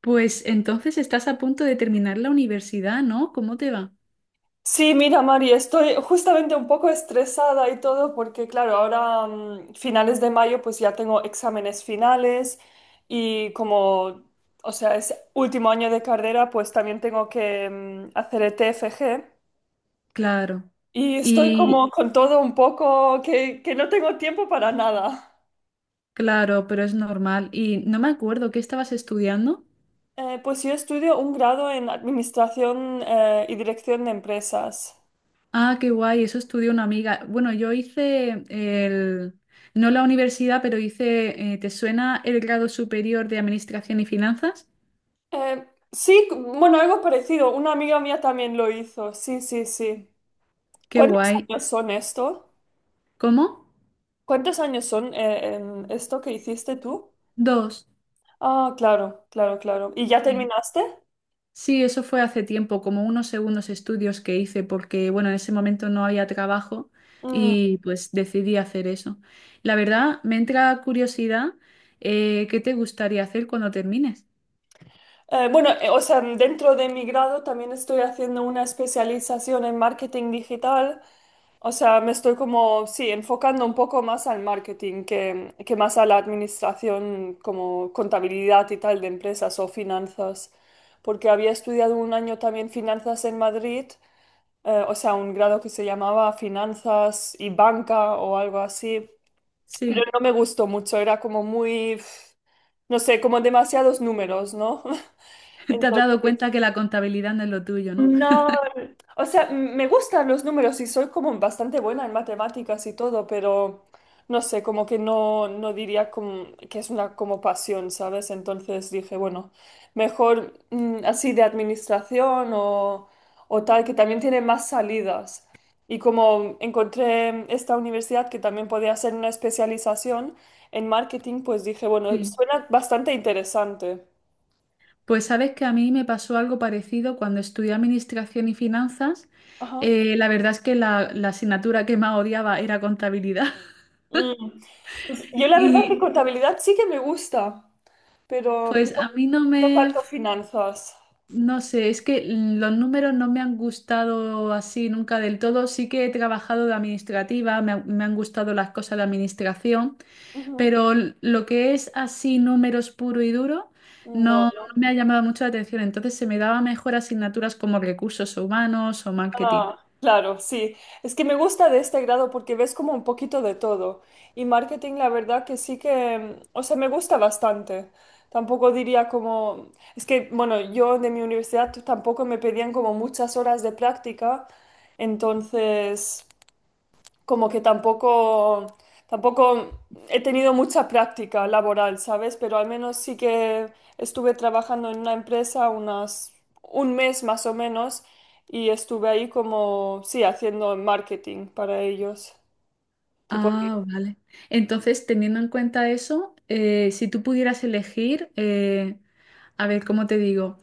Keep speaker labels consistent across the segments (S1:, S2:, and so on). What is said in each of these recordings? S1: Pues entonces estás a punto de terminar la universidad, ¿no? ¿Cómo te va?
S2: Sí, mira, Mari, estoy justamente un poco estresada y todo porque, claro, ahora finales de mayo pues ya tengo exámenes finales y como, o sea, es último año de carrera, pues también tengo que hacer el TFG
S1: Claro.
S2: y estoy
S1: Y
S2: como con todo un poco que no tengo tiempo para nada.
S1: claro, pero es normal. Y no me acuerdo, ¿qué estabas estudiando?
S2: Pues yo estudio un grado en Administración y Dirección de Empresas.
S1: Ah, qué guay, eso estudió una amiga. Bueno, yo hice el, no la universidad, pero hice, ¿te suena el grado superior de Administración y Finanzas?
S2: Sí, bueno, algo parecido. Una amiga mía también lo hizo. Sí, sí, sí.
S1: Qué
S2: ¿Cuántos
S1: guay.
S2: años son esto?
S1: ¿Cómo?
S2: ¿Cuántos años son esto que hiciste tú?
S1: Dos.
S2: Ah, claro, claro, claro. ¿Y ya
S1: Sí.
S2: terminaste?
S1: Sí, eso fue hace tiempo, como unos segundos estudios que hice, porque bueno, en ese momento no había trabajo
S2: Mm,
S1: y pues decidí hacer eso. La verdad, me entra curiosidad, ¿qué te gustaría hacer cuando termines?
S2: bueno, o sea, dentro de mi grado también estoy haciendo una especialización en marketing digital. O sea, me estoy como, sí, enfocando un poco más al marketing que más a la administración como contabilidad y tal de empresas o finanzas, porque había estudiado un año también finanzas en Madrid, o sea, un grado que se llamaba finanzas y banca o algo así, pero
S1: Sí,
S2: no me gustó mucho, era como muy, pf, no sé, como demasiados números, ¿no?
S1: te has dado
S2: Entonces,
S1: cuenta que la contabilidad no es lo tuyo, ¿no?
S2: no, o sea, me gustan los números y soy como bastante buena en matemáticas y todo, pero no sé, como que no, no diría que es una como pasión, ¿sabes? Entonces dije, bueno, mejor así de administración o tal, que también tiene más salidas. Y como encontré esta universidad que también podía hacer una especialización en marketing, pues dije, bueno,
S1: Sí,
S2: suena bastante interesante.
S1: pues sabes que a mí me pasó algo parecido cuando estudié administración y finanzas.
S2: Ajá.
S1: La verdad es que la asignatura que más odiaba era contabilidad.
S2: Mm. Pues yo la verdad que
S1: Y
S2: contabilidad sí que me gusta, pero no,
S1: pues a mí no
S2: no
S1: me,
S2: tanto finanzas.
S1: no sé, es que los números no me han gustado así nunca del todo. Sí que he trabajado de administrativa, me, ha- me han gustado las cosas de administración,
S2: Ujú.
S1: pero l- lo que es así números puro y duro
S2: No,
S1: no, no
S2: no.
S1: me ha llamado mucho la atención. Entonces se me daba mejor asignaturas como recursos humanos o marketing.
S2: Ah, claro, sí. Es que me gusta de este grado porque ves como un poquito de todo. Y marketing, la verdad que sí que, o sea, me gusta bastante. Tampoco diría como, es que, bueno, yo de mi universidad tampoco me pedían como muchas horas de práctica. Entonces, como que tampoco, tampoco he tenido mucha práctica laboral, ¿sabes? Pero al menos sí que estuve trabajando en una empresa unas, un mes más o menos y estuve ahí como, sí, haciendo marketing para ellos. Tipo de-
S1: Ah, vale. Entonces, teniendo en cuenta eso, si tú pudieras elegir, a ver, ¿cómo te digo?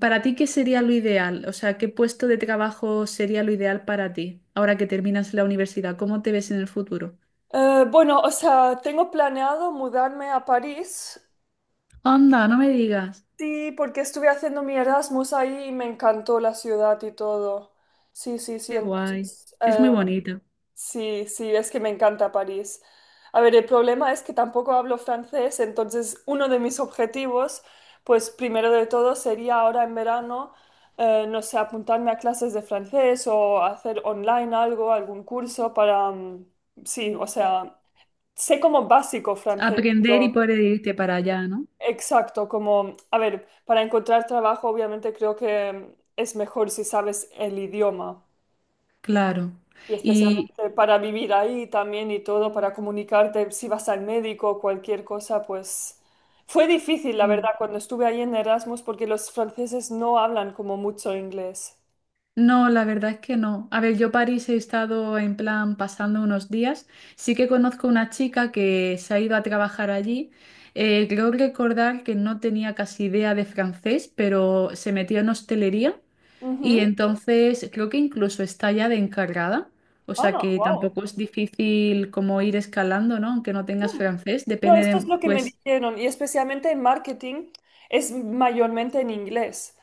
S1: ¿Para ti qué sería lo ideal? O sea, ¿qué puesto de trabajo sería lo ideal para ti ahora que terminas la universidad? ¿Cómo te ves en el futuro?
S2: Bueno, o sea, tengo planeado mudarme a París,
S1: Anda, no me digas.
S2: sí, porque estuve haciendo mi Erasmus ahí y me encantó la ciudad y todo. Sí, sí, sí,
S1: Qué guay.
S2: entonces,
S1: Es muy bonito.
S2: sí, sí, es que me encanta París. A ver, el problema es que tampoco hablo francés, entonces uno de mis objetivos, pues primero de todo sería ahora en verano, no sé, apuntarme a clases de francés o hacer online algo, algún curso para, sí, o sea, sé como básico francés,
S1: Aprender y
S2: pero
S1: poder irte para allá, ¿no?
S2: exacto, como, a ver, para encontrar trabajo obviamente creo que es mejor si sabes el idioma.
S1: Claro.
S2: Y
S1: Y
S2: especialmente para vivir ahí también y todo, para comunicarte si vas al médico, cualquier cosa, pues fue difícil, la verdad,
S1: sí,
S2: cuando estuve ahí en Erasmus, porque los franceses no hablan como mucho inglés.
S1: no, la verdad es que no. A ver, yo París he estado en plan pasando unos días. Sí que conozco una chica que se ha ido a trabajar allí. Creo recordar que no tenía casi idea de francés, pero se metió en hostelería. Y
S2: Ujú.
S1: entonces creo que incluso está ya de encargada, o sea
S2: Ah,
S1: que
S2: wow.
S1: tampoco es difícil como ir escalando, ¿no? Aunque no tengas francés,
S2: No,
S1: depende
S2: esto es
S1: de,
S2: lo que me
S1: pues,
S2: dijeron, y especialmente en marketing es mayormente en inglés.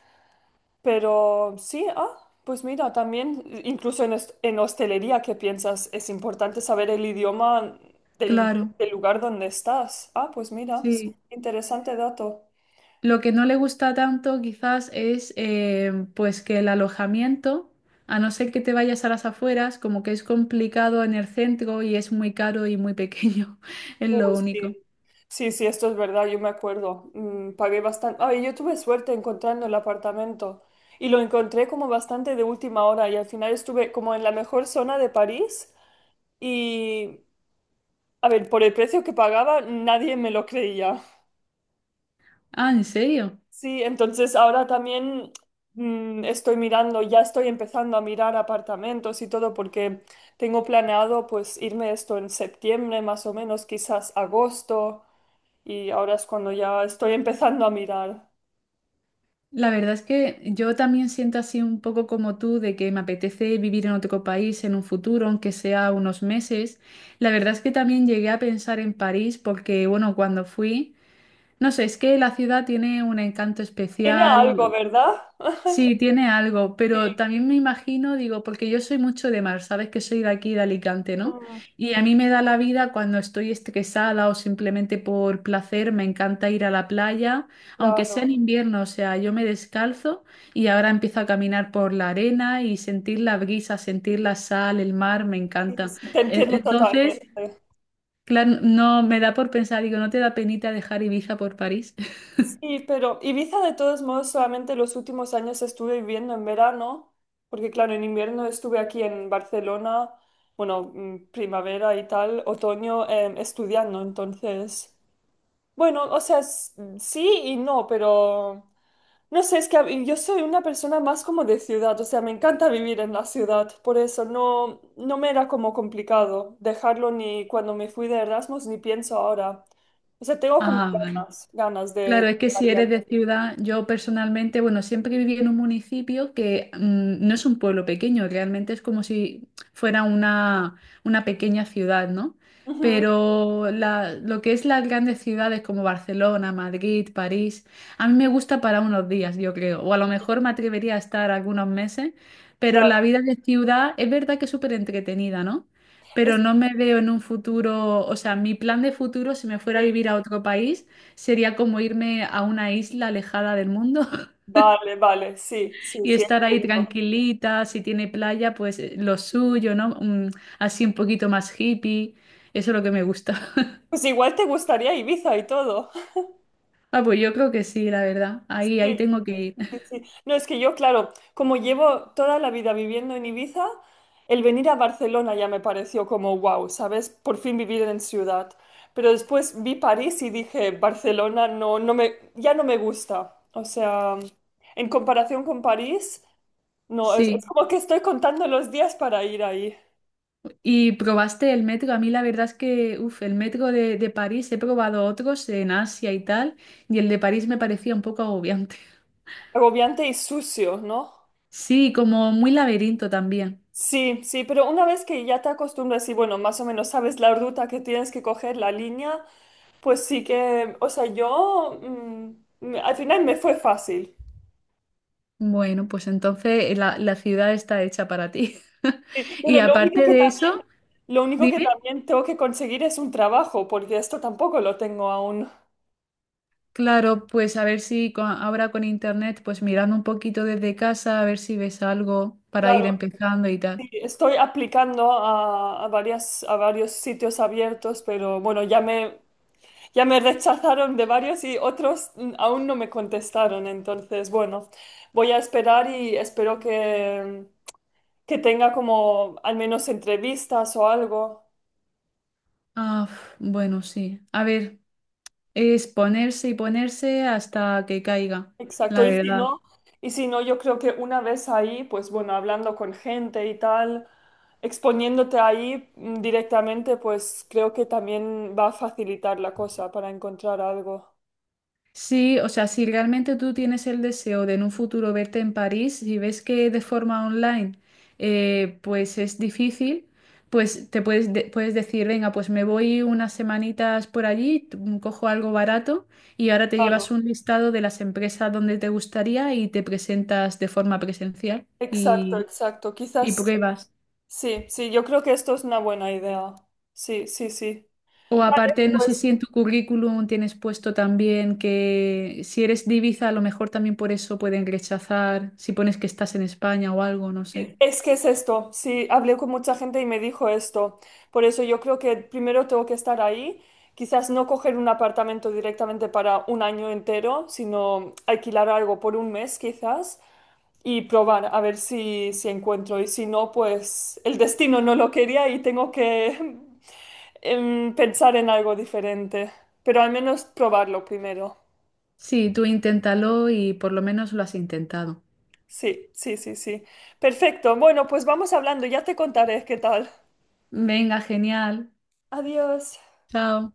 S2: Pero sí, ah, pues mira, también, incluso en, en hostelería, ¿qué piensas? Es importante saber el idioma
S1: claro,
S2: del lugar donde estás. Ah, pues mira, sí,
S1: sí.
S2: interesante dato.
S1: Lo que no le gusta tanto quizás es pues que el alojamiento, a no ser que te vayas a las afueras, como que es complicado en el centro y es muy caro y muy pequeño, es
S2: Oh,
S1: lo único.
S2: sí. Sí, sí, esto es verdad, yo me acuerdo. Pagué bastante. Ay, yo tuve suerte encontrando el apartamento y lo encontré como bastante de última hora y al final estuve como en la mejor zona de París y, a ver, por el precio que pagaba, nadie me lo creía.
S1: Ah, ¿en serio?
S2: Sí, entonces ahora también estoy mirando, ya estoy empezando a mirar apartamentos y todo porque tengo planeado pues irme esto en septiembre más o menos, quizás agosto y ahora es cuando ya estoy empezando a mirar.
S1: La verdad es que yo también siento así un poco como tú de que me apetece vivir en otro país en un futuro, aunque sea unos meses. La verdad es que también llegué a pensar en París porque, bueno, cuando fui, no sé, es que la ciudad tiene un encanto
S2: Tiene algo,
S1: especial.
S2: ¿verdad?
S1: Sí, tiene algo,
S2: Sí,
S1: pero también me imagino, digo, porque yo soy mucho de mar, sabes que soy de aquí, de Alicante, ¿no?
S2: mm,
S1: Y a mí me da la vida cuando estoy estresada o simplemente por placer, me encanta ir a la playa, aunque sea en
S2: claro,
S1: invierno, o sea, yo me descalzo y ahora empiezo a caminar por la arena y sentir la brisa, sentir la sal, el mar, me
S2: sí,
S1: encanta.
S2: sí, te
S1: E-
S2: entiendo totalmente.
S1: entonces, claro, no me da por pensar, digo, ¿no te da penita dejar Ibiza por París?
S2: Sí, pero Ibiza de todos modos solamente los últimos años estuve viviendo en verano, porque claro, en invierno estuve aquí en Barcelona, bueno, primavera y tal, otoño, estudiando, entonces. Bueno, o sea, sí y no, pero no sé, es que yo soy una persona más como de ciudad, o sea, me encanta vivir en la ciudad, por eso no, no me era como complicado dejarlo ni cuando me fui de Erasmus ni pienso ahora. O sea, tengo como
S1: Ah, vale.
S2: ganas, ganas
S1: Claro, es que
S2: de
S1: si
S2: ir a
S1: eres de
S2: vivir.
S1: ciudad, yo personalmente, bueno, siempre viví en un municipio que no es un pueblo pequeño, realmente es como si fuera una pequeña ciudad, ¿no?
S2: Ujú,
S1: Pero la- lo que es las grandes ciudades como Barcelona, Madrid, París, a mí me gusta para unos días, yo creo, o a lo mejor me atrevería a estar algunos meses, pero
S2: claro,
S1: la vida de ciudad es verdad que es súper entretenida, ¿no?
S2: es
S1: Pero no me veo en un futuro, o sea, mi plan de futuro, si me fuera a
S2: sí,
S1: vivir a otro país, sería como irme a una isla alejada del mundo
S2: vale, vale, sí, sí,
S1: y
S2: sí, es
S1: estar ahí
S2: cierto.
S1: tranquilita, si tiene playa, pues lo suyo, ¿no? Así un poquito más hippie, eso es lo que me gusta.
S2: Pues igual te gustaría Ibiza y todo.
S1: Ah, pues yo creo que sí, la verdad. Ahí, ahí
S2: Sí.
S1: tengo que ir.
S2: Sí, sí. No, es que yo, claro, como llevo toda la vida viviendo en Ibiza, el venir a Barcelona ya me pareció como wow, ¿sabes? Por fin vivir en ciudad. Pero después vi París y dije, Barcelona no, no me, ya no me gusta. O sea, en comparación con París, no, es
S1: Sí.
S2: como que estoy contando los días para ir ahí.
S1: ¿Y probaste el metro? A mí la verdad es que, uff, el metro de París, he probado otros en Asia y tal, y el de París me parecía un poco agobiante.
S2: Agobiante y sucio, ¿no?
S1: Sí, como muy laberinto también.
S2: Sí, sí, pero una vez que ya te acostumbras y bueno, más o menos sabes la ruta que tienes que coger, la línea, pues sí que, o sea, yo al final me fue fácil.
S1: Bueno, pues entonces la ciudad está hecha para ti.
S2: Sí, bueno,
S1: Y
S2: lo único
S1: aparte
S2: que
S1: de eso,
S2: también, lo único que
S1: dime,
S2: también tengo que conseguir es un trabajo, porque esto tampoco lo tengo aún.
S1: claro, pues a ver si co- ahora con internet, pues mirando un poquito desde casa, a ver si ves algo para ir
S2: Claro,
S1: empezando y tal.
S2: sí, estoy aplicando a varias, a varios sitios abiertos, pero bueno, ya me rechazaron de varios y otros aún no me contestaron. Entonces, bueno, voy a esperar y espero que tenga como al menos entrevistas o algo.
S1: Ah, uf, bueno, sí. A ver, es ponerse y ponerse hasta que caiga,
S2: Exacto,
S1: la verdad.
S2: y si no, yo creo que una vez ahí, pues bueno, hablando con gente y tal, exponiéndote ahí directamente, pues creo que también va a facilitar la cosa para encontrar algo.
S1: Sí, o sea, si realmente tú tienes el deseo de en un futuro verte en París y ves que de forma online pues es difícil, pues te puedes, de- puedes decir, venga, pues me voy unas semanitas por allí, cojo algo barato y ahora te
S2: Claro,
S1: llevas un listado de las empresas donde te gustaría y te presentas de forma presencial
S2: exacto, exacto.
S1: y
S2: Quizás,
S1: pruebas.
S2: sí, sí, yo creo que esto es una buena idea. Sí, sí, sí.
S1: O
S2: Vale,
S1: aparte, no sé
S2: pues
S1: si en tu currículum tienes puesto también que si eres divisa a lo mejor también por eso pueden rechazar, si pones que estás en España o algo, no sé.
S2: es que es esto, sí, hablé con mucha gente y me dijo esto. Por eso yo creo que primero tengo que estar ahí, quizás no coger un apartamento directamente para un año entero, sino alquilar algo por un mes quizás y probar a ver si, si encuentro. Y si no, pues el destino no lo quería y tengo que pensar en algo diferente. Pero al menos probarlo primero.
S1: Sí, tú inténtalo y por lo menos lo has intentado.
S2: Sí, sí, sí, sí. Perfecto. Bueno, pues vamos hablando, ya te contaré qué tal.
S1: Venga, genial.
S2: Adiós.
S1: Chao.